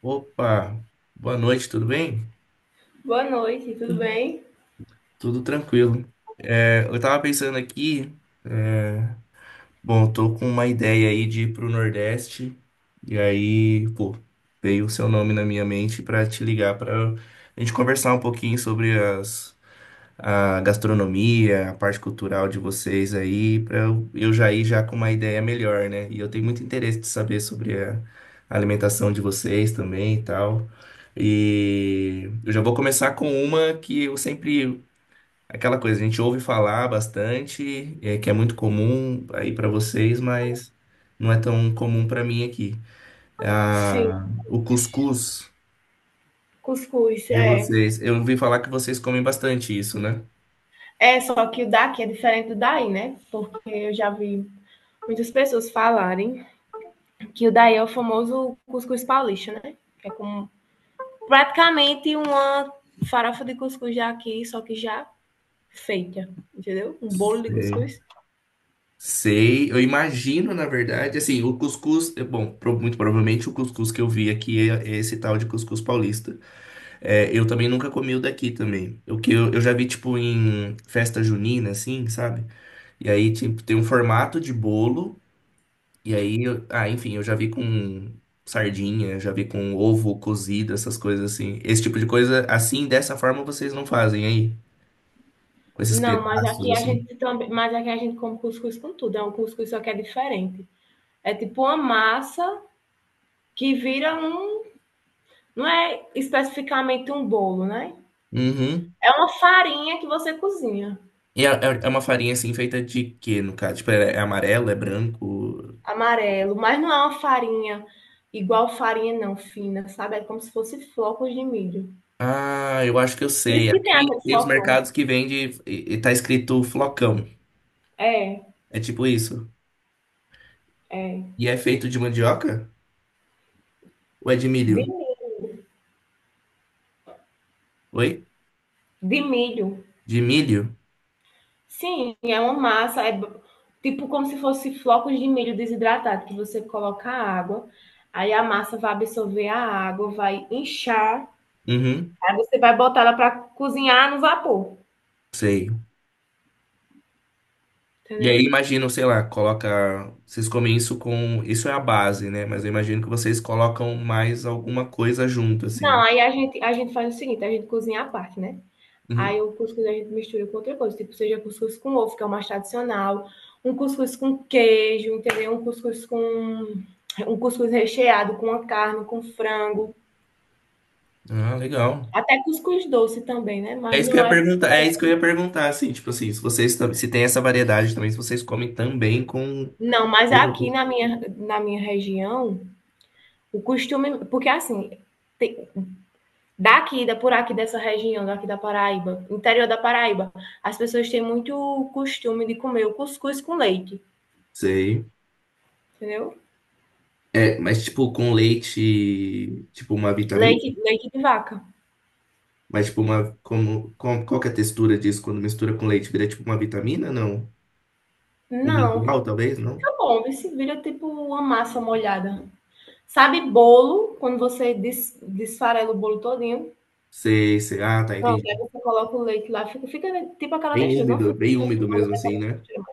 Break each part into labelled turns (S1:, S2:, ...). S1: Opa, boa noite, tudo bem?
S2: Boa noite, tudo bem?
S1: Tudo tranquilo. Eu tava pensando aqui, é, bom, eu tô com uma ideia aí de ir pro Nordeste, e aí, pô, veio o seu nome na minha mente pra te ligar pra gente conversar um pouquinho sobre as a gastronomia, a parte cultural de vocês aí, para eu já ir já com uma ideia melhor, né? E eu tenho muito interesse de saber sobre a alimentação de vocês também e tal. E eu já vou começar com uma que eu sempre, aquela coisa, a gente ouve falar bastante, que é muito comum aí para vocês, mas não é tão comum para mim aqui.
S2: Sim,
S1: Ah, o cuscuz
S2: cuscuz,
S1: de
S2: é.
S1: vocês. Eu ouvi falar que vocês comem bastante isso, né?
S2: É, só que o daqui é diferente do daí, né? Porque eu já vi muitas pessoas falarem que o daí é o famoso cuscuz paulista, né? É como praticamente uma farofa de cuscuz já aqui, só que já feita, entendeu? Um bolo de
S1: Sim.
S2: cuscuz.
S1: Sei, eu imagino, na verdade, assim, o cuscuz, é bom, muito provavelmente o cuscuz que eu vi aqui é esse tal de cuscuz paulista. É, eu também nunca comi o daqui também. O que eu já vi, tipo, em festa junina, assim, sabe? E aí, tipo, tem um formato de bolo, e aí, ah, enfim, eu já vi com sardinha, já vi com ovo cozido, essas coisas assim. Esse tipo de coisa, assim, dessa forma, vocês não fazem aí, com esses
S2: Não, mas
S1: pedaços,
S2: aqui a
S1: assim.
S2: gente também, mas aqui a gente come cuscuz com tudo, é um cuscuz só que é diferente. É tipo uma massa que vira um, não é especificamente um bolo, né?
S1: Uhum.
S2: É uma farinha que você cozinha,
S1: E é uma farinha assim feita de quê, no caso? Tipo, é amarelo, é branco?
S2: amarelo, mas não é uma farinha igual farinha não, fina, sabe? É como se fosse flocos de milho.
S1: Ah, eu acho que eu
S2: Por
S1: sei.
S2: isso que tem
S1: Aqui
S2: aquele
S1: tem os
S2: flocão.
S1: mercados que vende e tá escrito flocão.
S2: É,
S1: É tipo isso.
S2: é.
S1: E é feito de mandioca? Ou é de
S2: De,
S1: milho?
S2: milho.
S1: Oi?
S2: De milho.
S1: De milho?
S2: Sim, é uma massa, é tipo como se fosse flocos de milho desidratado, que você coloca a água, aí a massa vai absorver a água, vai inchar,
S1: Uhum,
S2: aí você vai botar ela para cozinhar no vapor,
S1: sei. E aí
S2: entendeu?
S1: imagino, sei lá, coloca. Vocês comem isso com. Isso é a base, né? Mas eu imagino que vocês colocam mais alguma coisa junto,
S2: Não,
S1: assim.
S2: aí a gente faz o seguinte, a gente cozinha à parte, né?
S1: Uhum.
S2: Aí o cuscuz a gente mistura com outra coisa, tipo, seja cuscuz com ovo, que é o mais tradicional, um cuscuz com queijo, entendeu? Um cuscuz com um cuscuz recheado com a carne, com frango,
S1: Ah, legal.
S2: até cuscuz doce também, né?
S1: É
S2: Mas
S1: isso que eu
S2: não
S1: ia
S2: é.
S1: perguntar, é isso que eu ia perguntar, assim, tipo assim, se se tem essa variedade também, se vocês comem também com
S2: Não, mas aqui na minha região, o costume, porque assim, tem- daqui, da por aqui dessa região, daqui da Paraíba, interior da Paraíba, as pessoas têm muito costume de comer o cuscuz com leite,
S1: sei.
S2: entendeu?
S1: É, mas tipo com leite, tipo uma vitamina?
S2: Leite, leite de vaca.
S1: Mas tipo uma como com, qual que é a textura disso quando mistura com leite? Vira tipo uma vitamina? Não. Um
S2: Não,
S1: mingau, talvez,
S2: fica
S1: não?
S2: fica bom. Esse se vira tipo uma massa molhada. Sabe bolo, quando você desfarela o bolo todinho?
S1: Sei, sei. Ah, tá,
S2: Pronto,
S1: entendi.
S2: aí você coloca o leite lá, fica tipo aquela textura, não fica
S1: Bem úmido
S2: especificamente
S1: mesmo assim,
S2: a
S1: né?
S2: textura.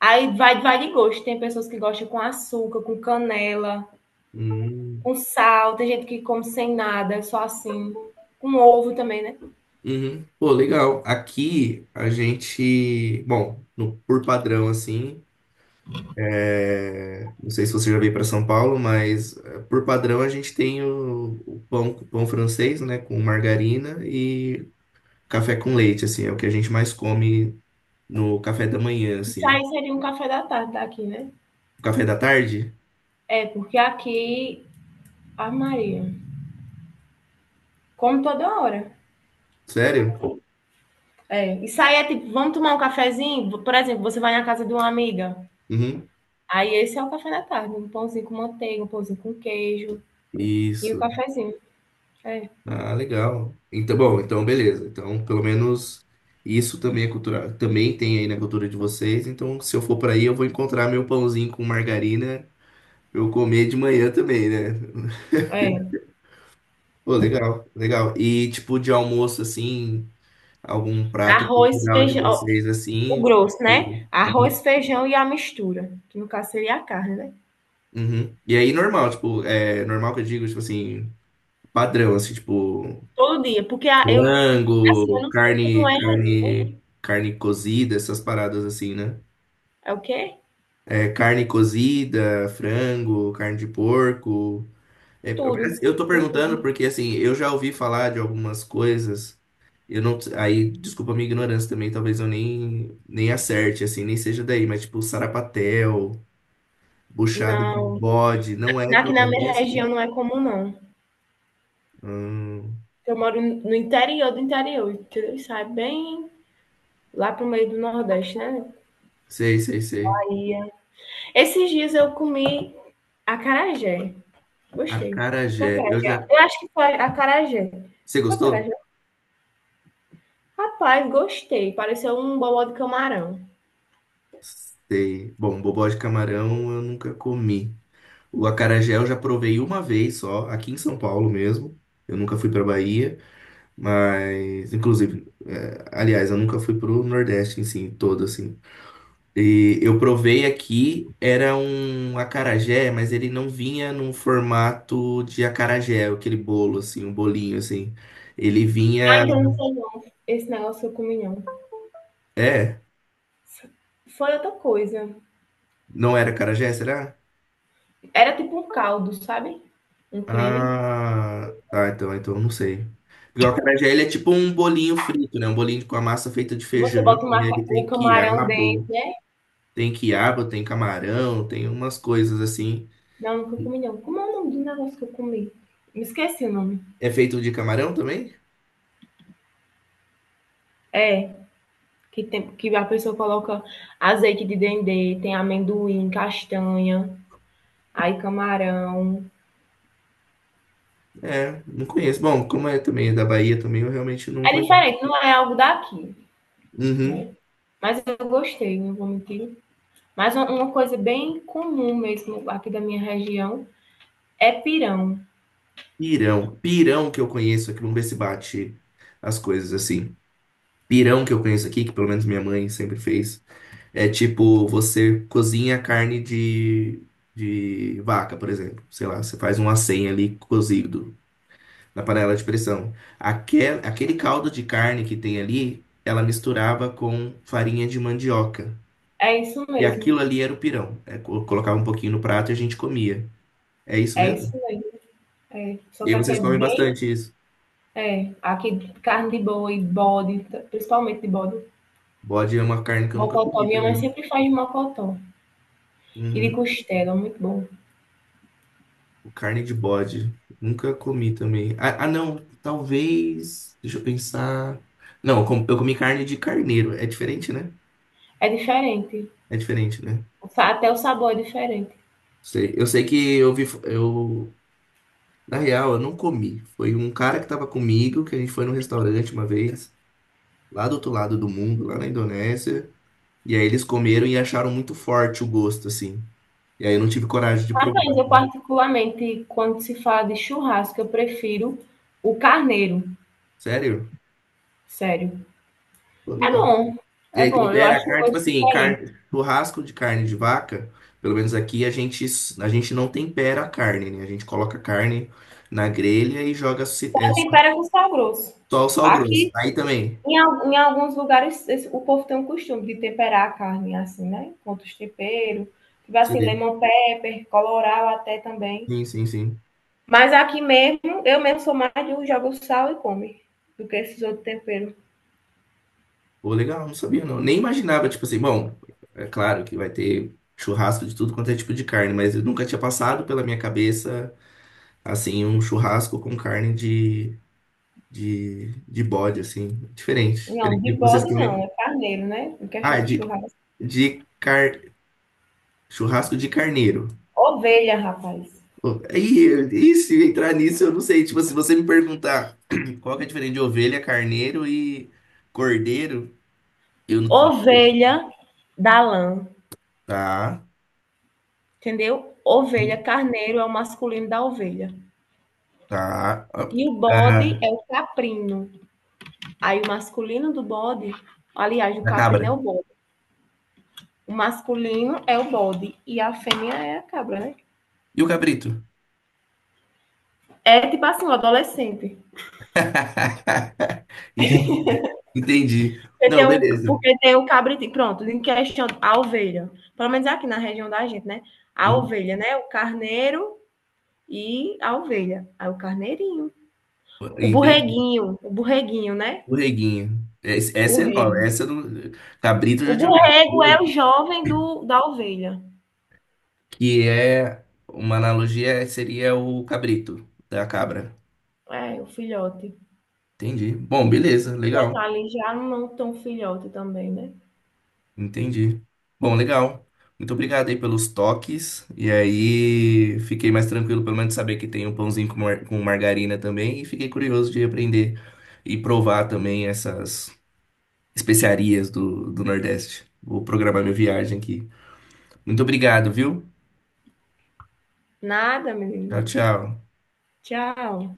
S2: Aí vai de gosto, tem pessoas que gostam com açúcar, com canela,
S1: Hum.
S2: com sal, tem gente que come sem nada, só assim, com ovo também, né.
S1: Uhum. Pô, legal. Aqui a gente, bom, por padrão assim, é, não sei se você já veio para São Paulo, mas por padrão a gente tem o pão francês, né, com margarina e café com leite, assim, é o que a gente mais come no café da manhã,
S2: Isso
S1: assim.
S2: aí seria um café da tarde daqui, né.
S1: O café da tarde?
S2: É, porque aqui, a Maria, come toda hora.
S1: Sério?
S2: É, e sair é tipo, vamos tomar um cafezinho? Por exemplo, você vai na casa de uma amiga.
S1: Uhum.
S2: Aí esse é o café da tarde, um pãozinho com manteiga, um pãozinho com queijo e o
S1: Isso.
S2: cafezinho. É,
S1: Ah, legal. Então, bom, então beleza. Então, pelo menos isso também é cultura, também tem aí na cultura de vocês. Então, se eu for para aí, eu vou encontrar meu pãozinho com margarina, pra eu comer de manhã também, né?
S2: é.
S1: Pô, legal, legal. E tipo de almoço assim, algum prato
S2: Arroz,
S1: cultural de
S2: feijão, ó,
S1: vocês
S2: o
S1: assim.
S2: grosso, né?
S1: Uhum.
S2: Arroz, feijão e a mistura, que no caso seria a carne, né?
S1: Uhum. E aí normal, tipo, é normal que eu digo, tipo assim, padrão, assim, tipo,
S2: Todo dia, porque assim, eu
S1: frango,
S2: não sei como é,
S1: carne cozida, essas paradas assim, né?
S2: é o quê?
S1: É, carne cozida, frango, carne de porco. É, Eu
S2: Tudo,
S1: eu tô
S2: tem
S1: perguntando
S2: tudo.
S1: porque, assim, eu já ouvi falar de algumas coisas. Eu não. Aí, desculpa a minha ignorância também, talvez eu nem acerte, assim, nem seja daí, mas tipo, sarapatel, buchada de
S2: Não,
S1: bode, não é
S2: aqui
S1: do
S2: na minha região
S1: Nordeste?
S2: não é comum, não.
S1: Hum,
S2: Eu moro no interior do interior, entendeu? Isso é bem lá pro meio do Nordeste, né?
S1: sei, sei, sei.
S2: Aí Esses dias eu comi acarajé. Gostei.
S1: Acarajé, eu
S2: Acarajé.
S1: já.
S2: Eu acho que foi acarajé.
S1: Você
S2: Foi acarajé.
S1: gostou?
S2: Rapaz, gostei. Pareceu um bobó de camarão.
S1: Sei. Bom, bobó de camarão eu nunca comi. O acarajé eu já provei uma vez só, aqui em São Paulo mesmo. Eu nunca fui pra Bahia. Mas, inclusive, aliás, eu nunca fui pro Nordeste em si, todo assim. E eu provei aqui, era um acarajé, mas ele não vinha num formato de acarajé, aquele bolo assim, um bolinho assim. Ele
S2: Ah,
S1: vinha,
S2: então não foi não. Esse negócio eu comi não.
S1: é,
S2: Foi outra coisa.
S1: não era acarajé, será?
S2: Era tipo um caldo, sabe? Um creme.
S1: Ah, tá, então, então eu não sei. Porque o acarajé, ele é tipo um bolinho frito, né? Um bolinho com a massa feita de
S2: Você
S1: feijão,
S2: bota uma
S1: e aí
S2: o
S1: tem
S2: camarão dentro,
S1: quiabo,
S2: né?
S1: tem quiabo, tem camarão, tem umas coisas assim.
S2: Não, nunca comi não. Como é o nome do negócio que eu comi? Me esqueci o nome.
S1: É feito de camarão também?
S2: É, que, tem, que a pessoa coloca azeite de dendê, tem amendoim, castanha. Aí camarão.
S1: É, não conheço. Bom, como é também é da Bahia também, eu realmente não
S2: É
S1: conheço.
S2: diferente, não é algo daqui,
S1: Uhum.
S2: né? Mas eu gostei, não vou mentir. Mas coisa bem comum mesmo aqui da minha região é pirão.
S1: Pirão. Pirão que eu conheço aqui, vamos ver se bate as coisas assim. Pirão que eu conheço aqui, que pelo menos minha mãe sempre fez, é tipo, você cozinha carne de vaca, por exemplo. Sei lá, você faz um acém ali cozido na panela de pressão. Aquele caldo de carne que tem ali, ela misturava com farinha de mandioca.
S2: É isso
S1: E
S2: mesmo.
S1: aquilo ali era o pirão. É, colocava um pouquinho no prato e a gente comia. É isso
S2: É isso
S1: mesmo?
S2: mesmo. É. Só
S1: E aí
S2: que aqui
S1: vocês
S2: é
S1: comem
S2: bem.
S1: bastante isso.
S2: É. Aqui carne de boi, bode, principalmente de bode.
S1: Bode é uma carne que eu nunca
S2: Mocotó.
S1: comi
S2: Minha mãe
S1: também.
S2: sempre faz de mocotó. E de
S1: Uhum.
S2: costela, muito bom.
S1: Carne de bode. Nunca comi também. Ah, ah, não. Talvez. Deixa eu pensar. Não, eu comi carne de carneiro. É diferente, né?
S2: É diferente.
S1: É diferente, né?
S2: Até o sabor é diferente.
S1: Sei. Eu sei que eu vi. Eu... Na real, eu não comi. Foi um cara que tava comigo, que a gente foi num restaurante uma vez, lá do outro lado do mundo, lá na Indonésia. E aí eles comeram e acharam muito forte o gosto, assim. E aí eu não tive coragem de provar,
S2: Rapaz, eu
S1: né?
S2: particularmente, quando se fala de churrasco, eu prefiro o carneiro,
S1: Sério?
S2: sério.
S1: Pô,
S2: É
S1: legal.
S2: bom,
S1: E
S2: é
S1: aí
S2: bom, eu
S1: tempera a
S2: acho um
S1: carne, tipo
S2: gosto
S1: assim,
S2: diferente.
S1: churrasco de carne de vaca, pelo menos aqui a gente não tempera a carne, né? A gente coloca a carne na grelha e joga
S2: Só
S1: só
S2: tempera com sal grosso.
S1: só o sal grosso.
S2: Aqui,
S1: Aí também.
S2: em alguns lugares, o povo tem o costume de temperar a carne assim, né? Com outros temperos, tipo assim,
S1: Sim,
S2: lemon pepper, colorau até também.
S1: sim, sim, sim.
S2: Mas aqui mesmo, eu mesmo sou mais de um jogo sal e come, do que esses outros temperos.
S1: Pô, legal, não sabia não. Nem imaginava, tipo assim, bom, é claro que vai ter churrasco de tudo quanto é tipo de carne, mas eu nunca tinha passado pela minha cabeça assim, um churrasco com carne de bode, assim, diferente,
S2: Não,
S1: diferente de
S2: de
S1: vocês
S2: bode não,
S1: também.
S2: é carneiro, né? Em questão
S1: Ah,
S2: de churrasco.
S1: de car... churrasco de carneiro.
S2: Ovelha, rapaz.
S1: Pô, aí, e se entrar nisso, eu não sei, tipo, se você me perguntar qual que é a diferença de ovelha, carneiro e cordeiro, eu não...
S2: Ovelha da lã,
S1: Tá,
S2: entendeu? Ovelha, carneiro é o masculino da ovelha.
S1: tá, ah,
S2: E o bode
S1: ah,
S2: é o caprino. Aí o masculino do bode, aliás, o
S1: a
S2: caprino é o
S1: cabra.
S2: bode. O masculino é o bode e a fêmea é a cabra, né?
S1: E o cabrito?
S2: É tipo assim, o adolescente.
S1: Ente- Entendi.
S2: Porque tem
S1: Não,
S2: o,
S1: beleza.
S2: porque tem o cabritinho. Pronto, em questão, a ovelha. Pelo menos aqui na região da gente, né? A
S1: Hum,
S2: ovelha, né? O carneiro e a ovelha. Aí o carneirinho. O
S1: Entendi.
S2: borreguinho, o borreguinho, né?
S1: Borreguinho. Essa é nova.
S2: Borrego.
S1: Essa do cabrito eu
S2: O
S1: já tinha
S2: borrego é o
S1: ouvido.
S2: jovem do, da ovelha.
S1: Que é uma analogia seria o cabrito da cabra.
S2: É, o filhote. O
S1: Entendi. Bom, beleza,
S2: filhote
S1: legal.
S2: tá ali já não tão filhote também, né?
S1: Entendi. Bom, legal. Muito obrigado aí pelos toques. E aí, fiquei mais tranquilo, pelo menos, de saber que tem um pãozinho com, com margarina também. E fiquei curioso de aprender e provar também essas especiarias do Nordeste. Vou programar minha viagem aqui. Muito obrigado, viu?
S2: Nada,
S1: Tchau,
S2: menino.
S1: tchau.
S2: Tchau.